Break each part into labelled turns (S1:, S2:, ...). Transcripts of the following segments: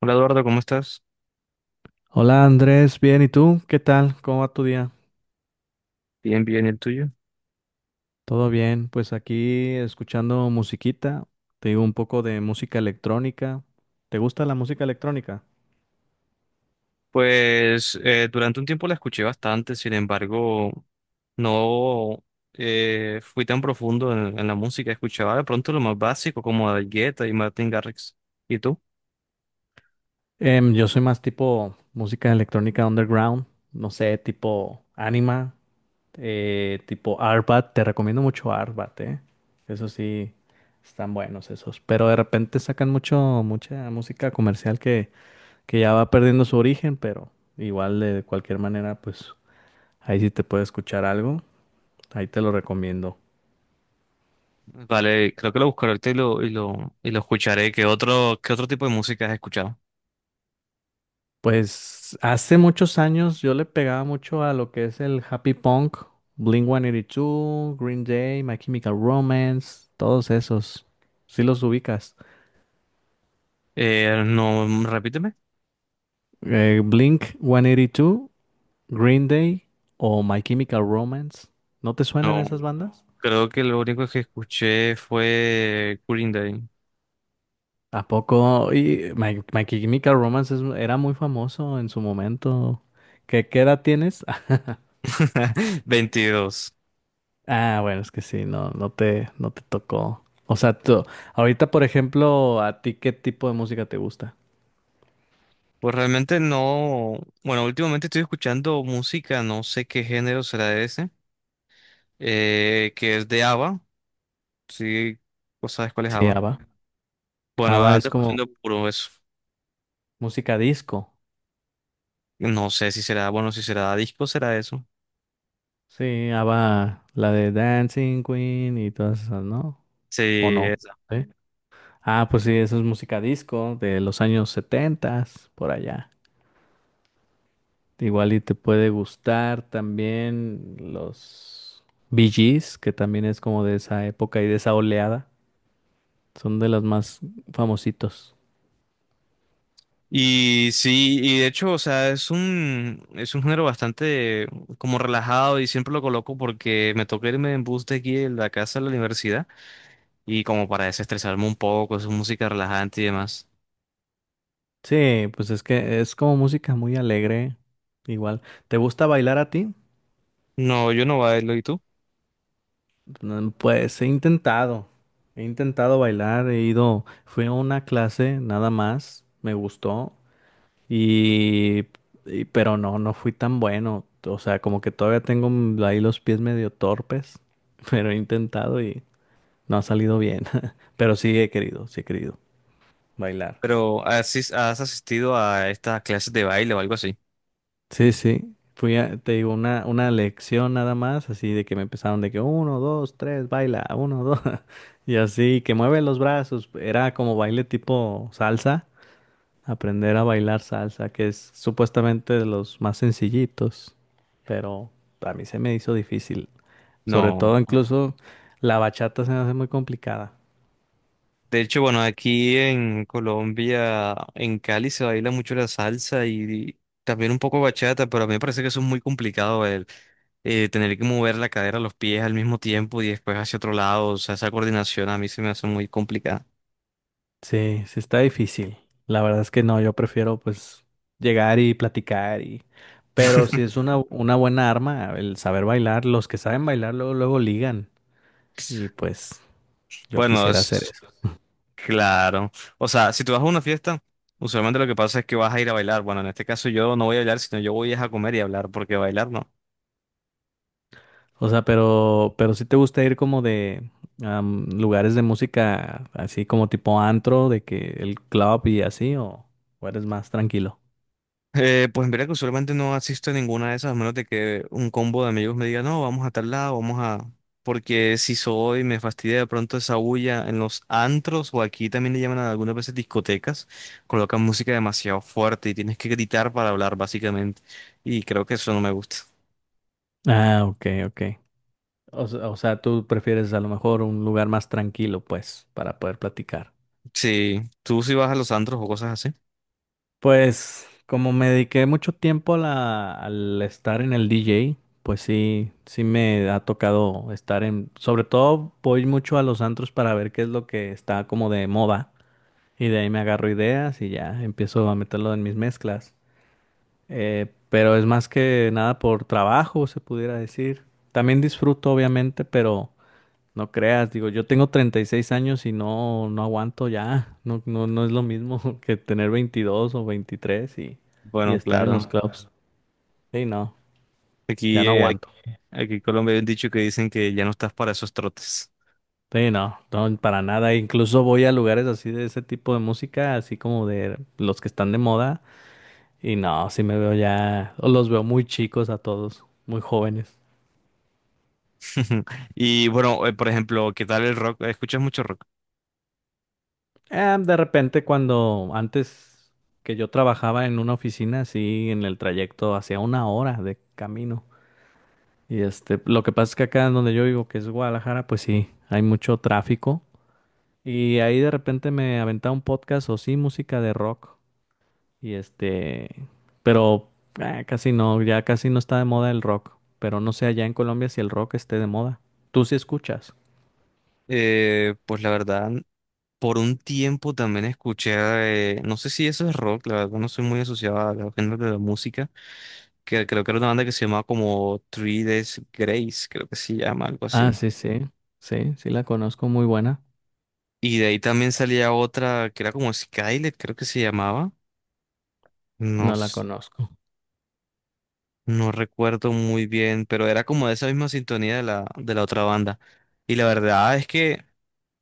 S1: Hola Eduardo, ¿cómo estás?
S2: Hola Andrés, bien, ¿y tú? ¿Qué tal? ¿Cómo va tu día?
S1: Bien, bien, ¿y el tuyo?
S2: Todo bien, pues aquí escuchando musiquita, te digo un poco de música electrónica. ¿Te gusta la música electrónica?
S1: Durante un tiempo la escuché bastante, sin embargo, no fui tan profundo en la música. Escuchaba de pronto lo más básico, como David Guetta y Martin Garrix. ¿Y tú?
S2: Yo soy más tipo música electrónica underground, no sé, tipo Anima, tipo Arbat, te recomiendo mucho Arbat, ¿eh? Eso sí, están buenos esos, pero de repente sacan mucho, mucha música comercial que, ya va perdiendo su origen, pero igual de cualquier manera, pues... Ahí sí te puede escuchar algo, ahí te lo recomiendo.
S1: Vale, creo que lo buscaré ahorita y lo escucharé. ¿Qué otro tipo de música has escuchado?
S2: Pues hace muchos años yo le pegaba mucho a lo que es el happy punk, Blink-182, Green Day, My Chemical Romance, todos esos. Si los ubicas.
S1: No, repíteme.
S2: Blink-182, Green Day o My Chemical Romance. ¿No te suenan
S1: No,
S2: esas bandas?
S1: creo que lo único que escuché fue Green Day.
S2: ¿A poco? Y My Chemical Romance era muy famoso en su momento. ¿Qué edad tienes?
S1: 22.
S2: Ah, bueno, es que sí, no, no te tocó. O sea, tú, ahorita, por ejemplo, ¿a ti qué tipo de música te gusta?
S1: Pues realmente no, bueno, últimamente estoy escuchando música, no sé qué género será ese, que es de ABBA, sí, ¿vos sabes cuál es
S2: Sí,
S1: ABBA?
S2: ABBA.
S1: Bueno,
S2: ABBA es
S1: ando
S2: como
S1: escuchando puro eso,
S2: música disco.
S1: no sé si será, bueno, si será disco, será eso,
S2: Sí, ABBA, la de Dancing Queen y todas esas, ¿no?
S1: sí,
S2: ¿O no?
S1: esa.
S2: ¿Sí? Ah, pues sí, eso es música disco de los años setentas, por allá. Igual y te puede gustar también los Bee Gees, que también es como de esa época y de esa oleada. Son de los más famositos.
S1: Y sí, y de hecho, o sea, es un género bastante como relajado y siempre lo coloco porque me toca irme en bus de aquí de la casa a la universidad y como para desestresarme un poco, es música relajante y demás.
S2: Sí, pues es que es como música muy alegre, igual. ¿Te gusta bailar a ti?
S1: No, yo no bailo, ¿y tú?
S2: Pues he intentado bailar, he ido, fui a una clase nada más, me gustó y, pero no, no fui tan bueno. O sea, como que todavía tengo ahí los pies medio torpes, pero he intentado y no ha salido bien. Pero sí he querido bailar.
S1: Pero ¿has asistido a estas clases de baile o algo así?
S2: Sí, sí. Fui a, una lección nada más, así de que me empezaron de que uno, dos, tres, baila, uno, dos, y así, que mueve los brazos. Era como baile tipo salsa, aprender a bailar salsa, que es supuestamente de los más sencillitos, pero a mí se me hizo difícil. Sobre
S1: No.
S2: todo, incluso la bachata se me hace muy complicada.
S1: De hecho, bueno, aquí en Colombia, en Cali se baila mucho la salsa y también un poco bachata, pero a mí me parece que eso es muy complicado el tener que mover la cadera, los pies al mismo tiempo y después hacia otro lado. O sea, esa coordinación a mí se me hace muy complicada.
S2: Sí, sí está difícil. La verdad es que no, yo prefiero pues llegar y platicar y... Pero si es una buena arma el saber bailar, los que saben bailar luego, luego ligan y pues yo
S1: Bueno,
S2: quisiera hacer
S1: es
S2: eso.
S1: claro. O sea, si tú vas a una fiesta, usualmente lo que pasa es que vas a ir a bailar. Bueno, en este caso yo no voy a bailar, sino yo voy es a comer y a hablar, porque bailar no.
S2: O sea, pero si te gusta ir como de lugares de música así como tipo antro, de que el club y así, o eres más tranquilo.
S1: Pues mira que usualmente no asisto a ninguna de esas, a menos de que un combo de amigos me diga, no, vamos a tal lado, vamos a... Porque si soy, me fastidia de pronto esa bulla en los antros, o aquí también le llaman a algunas veces discotecas, colocan música demasiado fuerte y tienes que gritar para hablar, básicamente. Y creo que eso no me gusta.
S2: Ah, ok, ok. O, o sea, tú prefieres a lo mejor un lugar más tranquilo pues para poder platicar.
S1: Sí, tú si vas a los antros o cosas así.
S2: Pues como me dediqué mucho tiempo a al estar en el DJ, pues sí, sí me ha tocado estar en, sobre todo voy mucho a los antros para ver qué es lo que está como de moda y de ahí me agarro ideas y ya empiezo a meterlo en mis mezclas. Pero es más que nada por trabajo, se pudiera decir. También disfruto, obviamente, pero no creas, digo, yo tengo 36 años y no, no aguanto ya. No, no, no es lo mismo que tener 22 o 23 y
S1: Bueno,
S2: estar en los
S1: claro.
S2: No, clubs. Claro. Sí, no, ya
S1: Aquí,
S2: no
S1: eh,
S2: aguanto.
S1: Aquí en Colombia hay un dicho que dicen que ya no estás para esos trotes.
S2: Sí, no, no, para nada. Incluso voy a lugares así de ese tipo de música, así como de los que están de moda. Y no, sí me veo ya, o los veo muy chicos a todos, muy jóvenes.
S1: Y bueno, por ejemplo, ¿qué tal el rock? ¿Escuchas mucho rock?
S2: De repente cuando antes que yo trabajaba en una oficina, así en el trayecto hacía una hora de camino. Y este, lo que pasa es que acá en donde yo vivo, que es Guadalajara, pues sí, hay mucho tráfico. Y ahí de repente me aventaba un podcast o sí, música de rock. Y este, pero casi no, ya casi no está de moda el rock. Pero no sé allá en Colombia si el rock esté de moda. ¿Tú sí escuchas?
S1: Pues la verdad, por un tiempo también escuché, no sé si eso es rock, la verdad no soy muy asociado a los géneros de la música, que creo que era una banda que se llamaba como Three Days Grace, creo que se llama, algo
S2: Ah,
S1: así.
S2: sí, sí la conozco, muy buena.
S1: Y de ahí también salía otra que era como Skylet, creo que se llamaba, no,
S2: No la conozco.
S1: no recuerdo muy bien, pero era como de esa misma sintonía de la otra banda. Y la verdad es que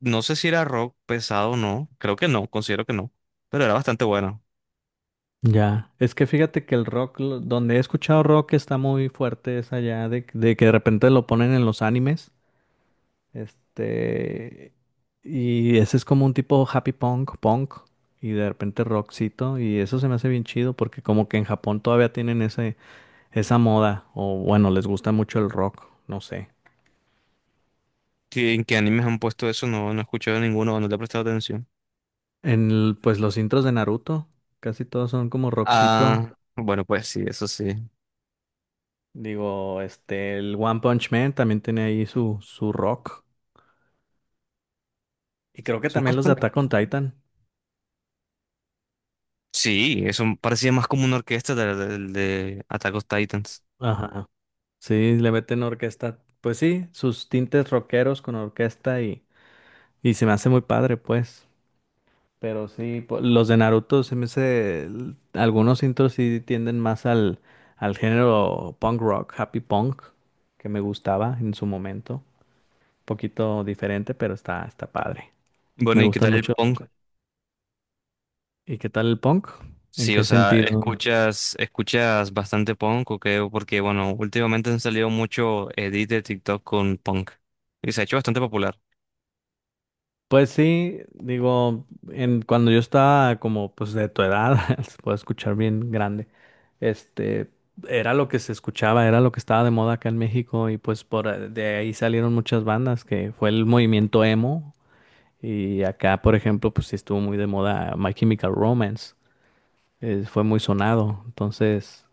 S1: no sé si era rock pesado o no, creo que no, considero que no, pero era bastante bueno.
S2: Ya, es que fíjate que el rock, donde he escuchado rock está muy fuerte, es allá de que de repente lo ponen en los animes. Este, y ese es como un tipo happy punk, punk, y de repente rockcito, y eso se me hace bien chido porque como que en Japón todavía tienen ese, esa moda, o bueno, les gusta mucho el rock, no sé.
S1: que- ¿en qué animes han puesto eso? No, no he escuchado ninguno, no le he prestado atención.
S2: En, pues los intros de Naruto, casi todos son como rockcito.
S1: Ah, bueno, pues sí, eso sí.
S2: Digo, este, el One Punch Man también tiene ahí su, su rock. Y creo que
S1: Son
S2: también los de
S1: bastante.
S2: Attack on Titan.
S1: Sí, eso parecía más como una orquesta de Attack on Titans.
S2: Ajá. Sí, le meten orquesta. Pues sí, sus tintes rockeros con orquesta. Y se me hace muy padre, pues. Pero sí, los de Naruto se me hace. Algunos intros sí tienden más al, al género punk rock, happy punk, que me gustaba en su momento. Poquito diferente, pero está, está padre. Me
S1: Bueno, ¿y qué
S2: gustan
S1: tal el
S2: mucho.
S1: punk?
S2: ¿Y qué tal el punk? ¿En
S1: Sí, o
S2: qué
S1: sea,
S2: sentido?
S1: escuchas bastante punk, ¿o qué? Porque, bueno, últimamente han salido mucho edits de TikTok con punk. Y se ha hecho bastante popular.
S2: Pues sí, digo, en, cuando yo estaba como pues de tu edad, se puede escuchar bien grande, este, era lo que se escuchaba, era lo que estaba de moda acá en México y pues por de ahí salieron muchas bandas, que fue el movimiento emo y acá, por ejemplo, pues sí estuvo muy de moda My Chemical Romance, fue muy sonado, entonces...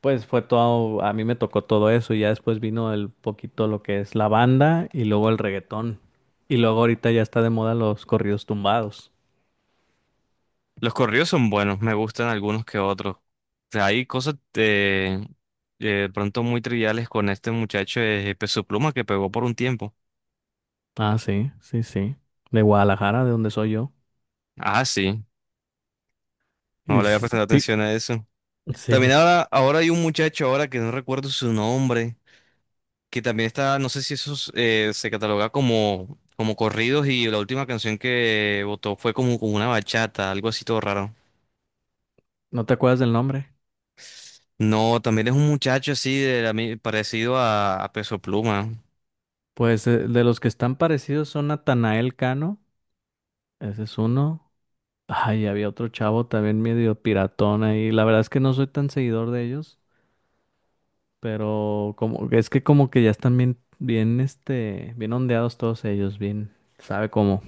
S2: Pues fue todo, a mí me tocó todo eso y ya después vino el poquito lo que es la banda y luego el reggaetón. Y luego ahorita ya está de moda los corridos tumbados.
S1: Los corridos son buenos, me gustan algunos que otros. O sea, hay cosas de pronto muy triviales con este muchacho de Peso Pluma que pegó por un tiempo.
S2: Ah, sí, sí, sí. De Guadalajara, de donde soy yo.
S1: Ah, sí,
S2: Y
S1: no le había prestado atención a eso. También
S2: sí,
S1: ahora hay un muchacho ahora que no recuerdo su nombre, que también está, no sé si eso es, se cataloga como, como corridos y la última canción que votó fue como, como una bachata, algo así todo raro.
S2: ¿no te acuerdas del nombre?
S1: No, también es un muchacho así de la parecido a Peso Pluma.
S2: Pues de los que están parecidos son Natanael Cano, ese es uno. Ay, había otro chavo también medio piratón ahí. La verdad es que no soy tan seguidor de ellos. Pero como, es que como que ya están bien, bien, este, bien ondeados todos ellos, bien, sabe cómo.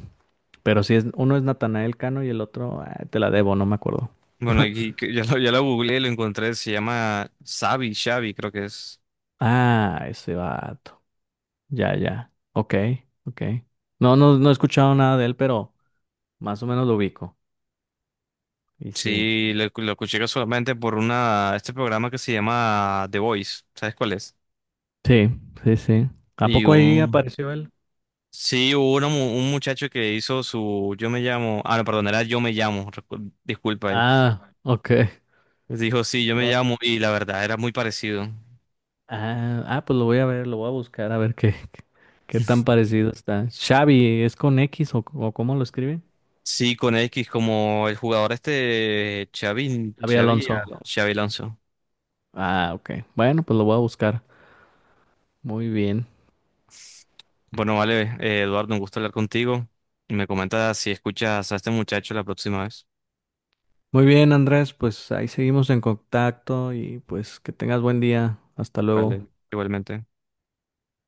S2: Pero si es, uno es Natanael Cano y el otro, ah, te la debo, no me acuerdo.
S1: Bueno, aquí que ya lo googleé, lo encontré, se llama Xavi, Xavi, creo que es.
S2: Ah, ese vato. Ya, ya. Ok, ok. No, no, no he escuchado nada de él, pero más o menos lo ubico. Y sí.
S1: Sí, lo escuché solamente por una, este programa que se llama The Voice, ¿sabes cuál es?
S2: Sí, sí, sí. ¿A
S1: Y
S2: poco ahí
S1: un,
S2: apareció él?
S1: sí, hubo una un muchacho que hizo su, yo me llamo, ah, no, perdón, era yo me llamo, disculpa ahí.
S2: Ah, ok.
S1: Dijo, sí, yo me
S2: Lo-
S1: llamo, y la verdad, era muy parecido.
S2: Ah, ah, pues lo voy a ver, lo voy a buscar a ver qué. ¿Qué tan parecido está? Xavi, ¿es con X o cómo lo escribe?
S1: Sí, con X, como el jugador este, Xavi,
S2: Xavi
S1: Xavi,
S2: Alonso.
S1: Xavi Alonso.
S2: Ah, ok. Bueno, pues lo voy a buscar. Muy bien.
S1: Bueno, vale, Eduardo, un gusto hablar contigo. Me comentas si escuchas a este muchacho la próxima vez.
S2: Muy bien, Andrés, pues ahí seguimos en contacto y pues que tengas buen día. Hasta luego.
S1: Vale, igualmente.